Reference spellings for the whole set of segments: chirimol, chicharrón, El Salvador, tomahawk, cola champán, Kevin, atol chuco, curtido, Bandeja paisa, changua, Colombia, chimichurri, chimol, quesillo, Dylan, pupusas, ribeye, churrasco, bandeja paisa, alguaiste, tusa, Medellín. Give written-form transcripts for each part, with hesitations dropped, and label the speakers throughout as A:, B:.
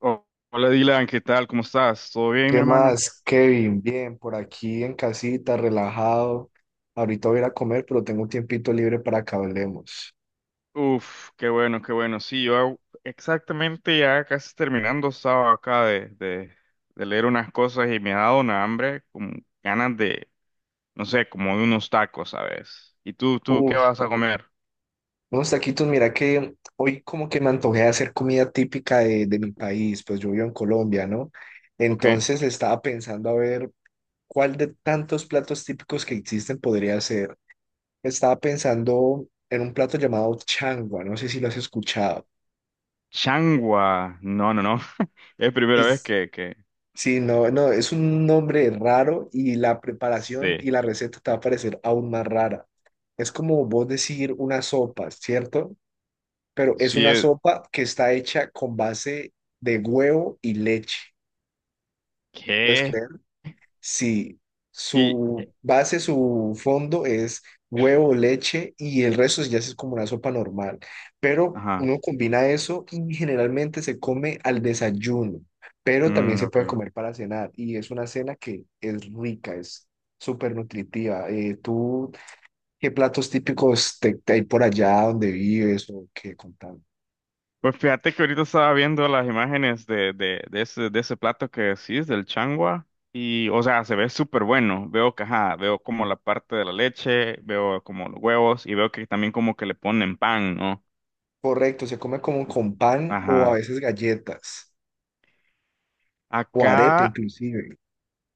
A: Oh, hola Dylan, ¿qué tal? ¿Cómo estás? ¿Todo bien, mi
B: ¿Qué
A: hermano?
B: más, Kevin? Bien, por aquí en casita, relajado. Ahorita voy a ir a comer, pero tengo un tiempito libre para que hablemos.
A: Qué bueno, qué bueno. Sí, yo exactamente ya casi terminando, estaba acá de leer unas cosas y me ha dado una hambre, como ganas no sé, como de unos tacos, ¿sabes? ¿Y tú qué
B: Uf,
A: vas a comer?
B: unos taquitos, mira que hoy como que me antojé de hacer comida típica de mi país, pues yo vivo en Colombia, ¿no?
A: ¿Ok?
B: Entonces estaba pensando a ver cuál de tantos platos típicos que existen podría ser. Estaba pensando en un plato llamado changua, no sé si lo has escuchado.
A: Changua. No, no, no. Es primera vez que
B: Sí, no, no, es un nombre raro y la preparación
A: sí.
B: y la receta te va a parecer aún más rara. Es como vos decir una sopa, ¿cierto? Pero es
A: Sí,
B: una
A: es,
B: sopa que está hecha con base de huevo y leche. ¿Puedes
A: ¿qué?
B: creer? Sí,
A: Y,
B: su base, su fondo es huevo, leche y el resto ya es como una sopa normal. Pero
A: ajá.
B: uno combina eso y generalmente se come al desayuno, pero también
A: Mm,
B: se
A: ok.
B: puede comer para cenar y es una cena que es rica, es súper nutritiva. ¿Tú qué platos típicos te hay por allá donde vives o qué contando?
A: Pues fíjate que ahorita estaba viendo las imágenes de ese, de ese plato que decís, del changua, y, o sea, se ve súper bueno. Veo que, ajá, veo como la parte de la leche, veo como los huevos, y veo que también como que le ponen pan, ¿no?
B: Correcto, se come como con pan o a
A: Ajá.
B: veces galletas o arepa
A: Acá,
B: inclusive.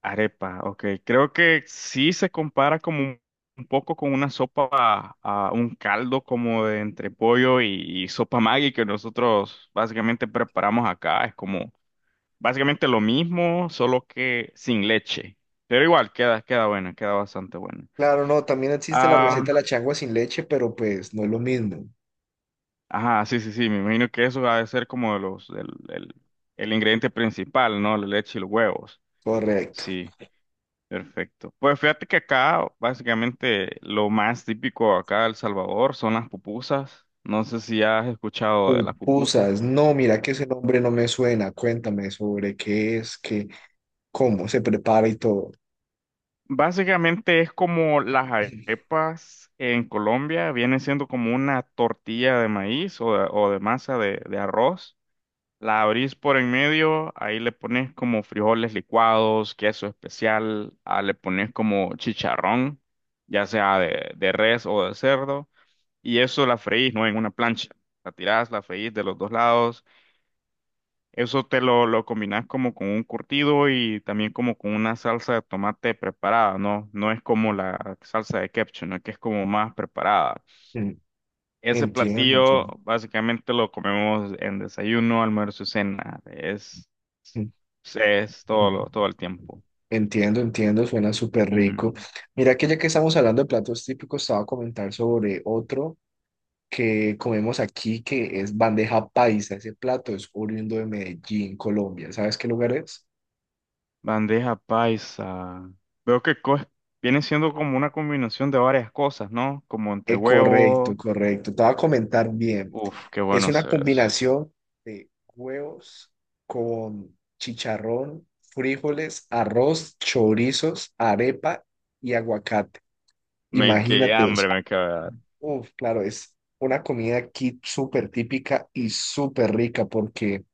A: arepa, ok. Creo que sí se compara como un poco con una sopa, a un caldo como de entre pollo y sopa Maggi que nosotros básicamente preparamos acá. Es como básicamente lo mismo, solo que sin leche. Pero igual, queda buena, queda bastante buena.
B: Claro, no, también existe la
A: Ah,
B: receta de la changua sin leche, pero pues no es lo mismo.
A: ajá, sí, sí, sí, me imagino que eso ha de ser como de los, el el ingrediente principal, ¿no? La leche y los huevos.
B: Correcto.
A: Sí, perfecto. Pues fíjate que acá, básicamente, lo más típico acá de El Salvador son las pupusas. No sé si has escuchado de las pupusas.
B: Pupusas, no, mira que ese nombre no me suena. Cuéntame sobre qué es, qué, cómo se prepara y todo.
A: Básicamente es como las arepas en Colombia, viene siendo como una tortilla de maíz o de masa de arroz. La abrís por en medio, ahí le pones como frijoles licuados, queso especial, ah, le pones como chicharrón, ya sea de res o de cerdo, y eso la freís, ¿no? En una plancha. La tirás, la freís de los dos lados. Eso te lo combinas como con un curtido y también como con una salsa de tomate preparada, ¿no? No es como la salsa de ketchup, ¿no? Que es como más preparada.
B: Mm.
A: Ese
B: Entiendo,
A: platillo
B: entiendo.
A: básicamente lo comemos en desayuno, almuerzo y cena.
B: Mm,
A: Es todo,
B: mm.
A: todo el tiempo.
B: Entiendo, entiendo, suena súper rico.
A: Ujú.
B: Mira que ya que estamos hablando de platos típicos, estaba a comentar sobre otro que comemos aquí, que es bandeja paisa. Ese plato es oriundo de Medellín, Colombia. ¿Sabes qué lugar es?
A: Bandeja paisa. Veo que viene siendo como una combinación de varias cosas, ¿no? Como entre
B: Correcto,
A: huevo.
B: correcto. Te voy a comentar bien.
A: Uf, qué
B: Es
A: bueno
B: una
A: se ve eso.
B: combinación de huevos con chicharrón, frijoles, arroz, chorizos, arepa y aguacate.
A: Me quedé
B: Imagínate eso.
A: hambre, me quedé.
B: Uf, claro, es una comida aquí súper típica y súper rica porque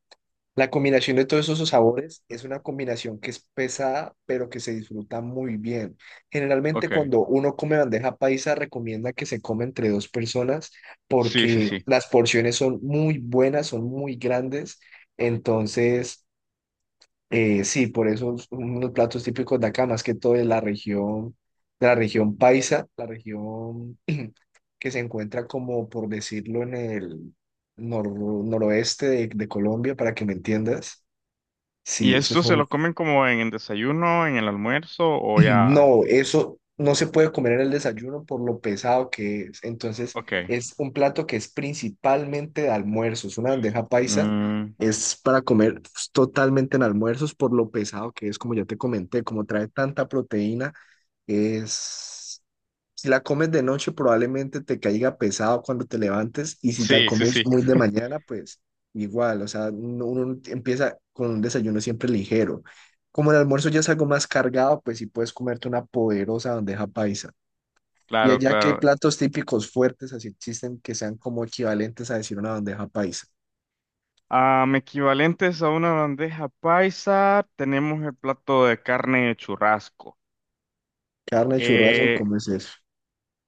B: la combinación de todos esos sabores es una combinación que es pesada, pero que se disfruta muy bien. Generalmente
A: Ok.
B: cuando uno come bandeja paisa, recomienda que se come entre dos personas
A: Sí, sí,
B: porque
A: sí.
B: las porciones son muy buenas, son muy grandes. Entonces, sí, por eso es uno de los platos típicos de acá, más que todo de la región paisa, la región que se encuentra como, por decirlo, en el nor- noroeste de Colombia, para que me entiendas. Sí,
A: ¿Y
B: eso
A: esto
B: es
A: se
B: un-
A: lo comen como en el desayuno, en el almuerzo o ya?
B: No, eso no se puede comer en el desayuno por lo pesado que es. Entonces,
A: Ok.
B: es un plato que es principalmente de almuerzo. Es una bandeja paisa.
A: Mm,
B: Es para comer pues, totalmente en almuerzos por lo pesado que es, como ya te comenté, como trae tanta proteína, es... Si la comes de noche, probablemente te caiga pesado cuando te levantes y si la
A: sí, sí,
B: comes
A: sí.
B: muy de mañana, pues igual, o sea, uno empieza con un desayuno siempre ligero. Como el almuerzo ya es algo más cargado, pues sí puedes comerte una poderosa bandeja paisa. Y
A: Claro,
B: allá, ¿qué
A: claro.
B: platos típicos fuertes así existen que sean como equivalentes a decir una bandeja paisa?
A: Am, equivalentes a una bandeja paisa, tenemos el plato de carne de churrasco.
B: Carne, churrasco,
A: Ok,
B: ¿cómo es eso?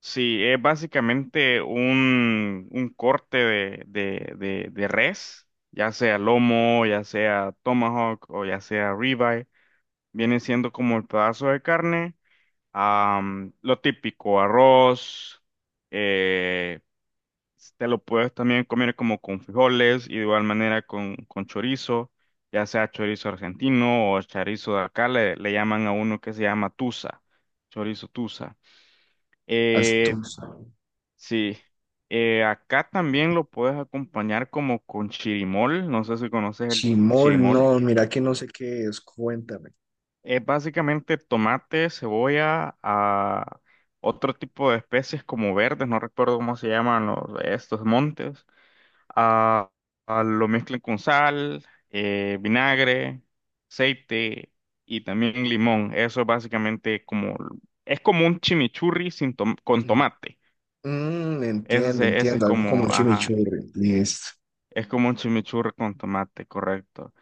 A: sí, es básicamente un corte de res, ya sea lomo, ya sea tomahawk o ya sea ribeye. Viene siendo como el pedazo de carne. Am, lo típico, arroz, eh, te lo puedes también comer como con frijoles y de igual manera con chorizo, ya sea chorizo argentino o chorizo de acá, le llaman a uno que se llama tusa, chorizo tusa. Eh,
B: Astus.
A: sí, acá también lo puedes acompañar como con chirimol, no sé si conoces el
B: Chimol, no,
A: chirimol.
B: mira que no sé qué es, cuéntame.
A: Es básicamente tomate, cebolla, a otro tipo de especies como verdes, no recuerdo cómo se llaman estos montes. Ah, ah, lo mezclan con sal, vinagre, aceite y también limón. Eso es básicamente como, es como un chimichurri sin tom- con
B: Mm,
A: tomate.
B: mm,
A: Ese,
B: entiendo,
A: ese es
B: entiendo, algo como
A: como,
B: un
A: ajá,
B: chimichurri, listo.
A: es como un chimichurri con tomate, correcto.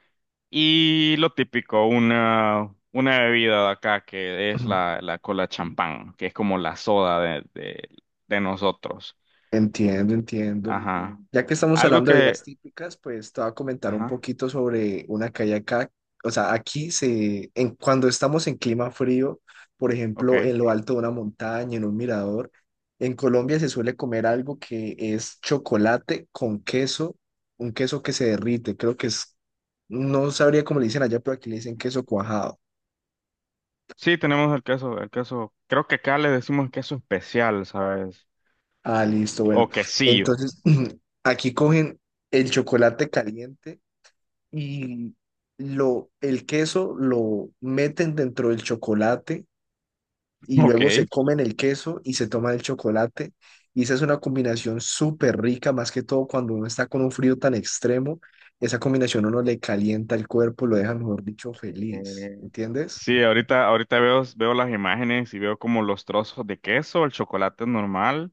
A: Y lo típico, una bebida de acá que es
B: Mm.
A: la cola champán, que es como la soda de nosotros.
B: Entiendo, entiendo.
A: Ajá. Mm.
B: Ya que estamos
A: Algo
B: hablando de
A: que...
B: bebidas típicas, pues te voy a comentar un
A: Ajá,
B: poquito sobre una que hay acá. O sea, aquí se, en, cuando estamos en clima frío, por ejemplo,
A: ok.
B: en lo alto de una montaña, en un mirador, en Colombia se suele comer algo que es chocolate con queso, un queso que se derrite. Creo que es, no sabría cómo le dicen allá, pero aquí le dicen queso cuajado.
A: Sí, tenemos el queso, el queso. Creo que acá le decimos queso especial, ¿sabes?
B: Ah, listo, bueno.
A: O quesillo.
B: Entonces, aquí cogen el chocolate caliente y lo, el queso lo meten dentro del chocolate y
A: Ok.
B: luego se comen el queso y se toma el chocolate. Y esa es una combinación súper rica, más que todo cuando uno está con un frío tan extremo, esa combinación a uno le calienta el cuerpo, lo deja, mejor dicho, feliz, ¿entiendes?
A: Sí, ahorita, ahorita veo, veo las imágenes y veo como los trozos de queso, el chocolate normal.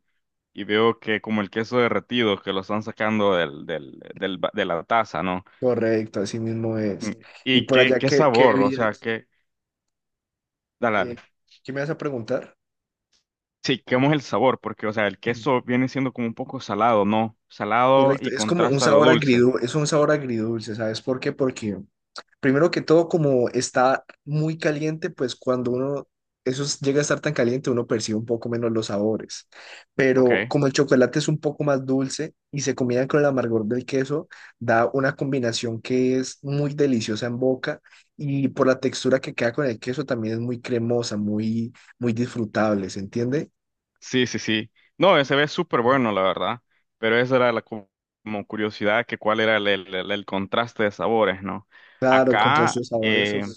A: Y veo que como el queso derretido que lo están sacando de la taza, ¿no?
B: Correcto, así mismo es.
A: Mm, sí.
B: Y
A: Y
B: por
A: qué,
B: allá,
A: qué
B: ¿qué, qué
A: sabor, o sea,
B: bebidas?
A: que, dale, dale.
B: Eh, ¿Qué me vas a preguntar?
A: Sí, ¿cómo es el sabor? Porque, o sea, el queso viene siendo como un poco salado, ¿no? Salado
B: Correcto,
A: y
B: es como un
A: contrasta lo
B: sabor
A: dulce.
B: agridulce, es un sabor agridulce, ¿sabes por qué? Porque primero que todo, como está muy caliente, pues cuando uno, eso es- llega a estar tan caliente, uno percibe un poco menos los sabores. Pero
A: Ok.
B: como el chocolate es un poco más dulce y se combina con el amargor del queso, da una combinación que es muy deliciosa en boca y por la textura que queda con el queso también es muy cremosa, muy, muy disfrutable, ¿se entiende?
A: Sí, sí, sí. No, se ve súper bueno, la verdad. Pero esa era como curiosidad que cuál era el contraste de sabores, ¿no?
B: Claro, el contraste
A: Acá,
B: de sabores, uf,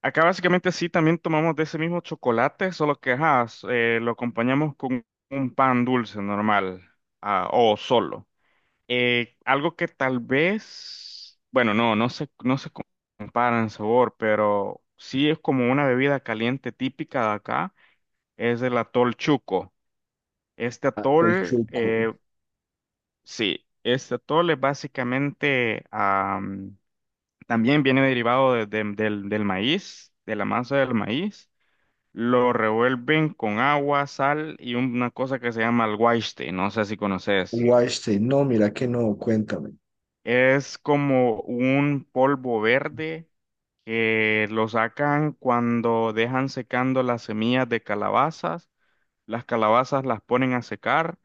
A: acá básicamente sí, también tomamos de ese mismo chocolate, solo que ajá, lo acompañamos con un pan dulce normal ah, o solo. Algo que tal vez, bueno, no se compara en sabor, pero sí es como una bebida caliente típica de acá, es el atol chuco. Este
B: tanto el
A: atol,
B: chuco,
A: sí, este atol es básicamente, am, también viene derivado del maíz, de la masa del maíz. Lo revuelven con agua, sal y una cosa que se llama el alguaiste, no sé si conoces.
B: guache, no, mira que no, cuéntame.
A: Es como un polvo verde que lo sacan cuando dejan secando las semillas de calabazas. Las calabazas las ponen a secar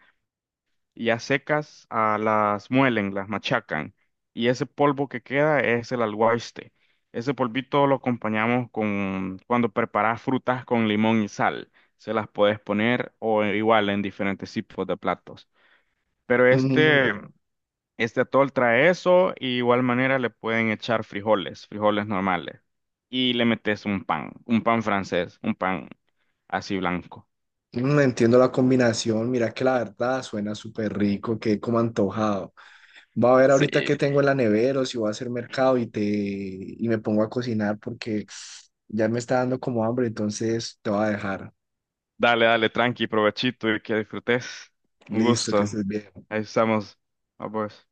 A: y a secas ah, las muelen, las machacan. Y ese polvo que queda es el alguaiste. Ese polvito lo acompañamos con cuando preparas frutas con limón y sal. Se las puedes poner o igual en diferentes tipos de platos. Pero este atol trae eso y igual manera le pueden echar frijoles, frijoles normales. Y le metes un pan francés, un pan así blanco.
B: Mm, entiendo la combinación, mira que la verdad suena súper rico, que como antojado. Voy a ver ahorita
A: Sí.
B: qué tengo en la nevera o si voy a hacer mercado y te y me pongo a cocinar porque ya me está dando como hambre, entonces te voy a dejar.
A: Dale, dale, tranqui, provechito y que disfrutes. Un
B: Listo, que
A: gusto.
B: estés bien.
A: Ahí estamos. A vos.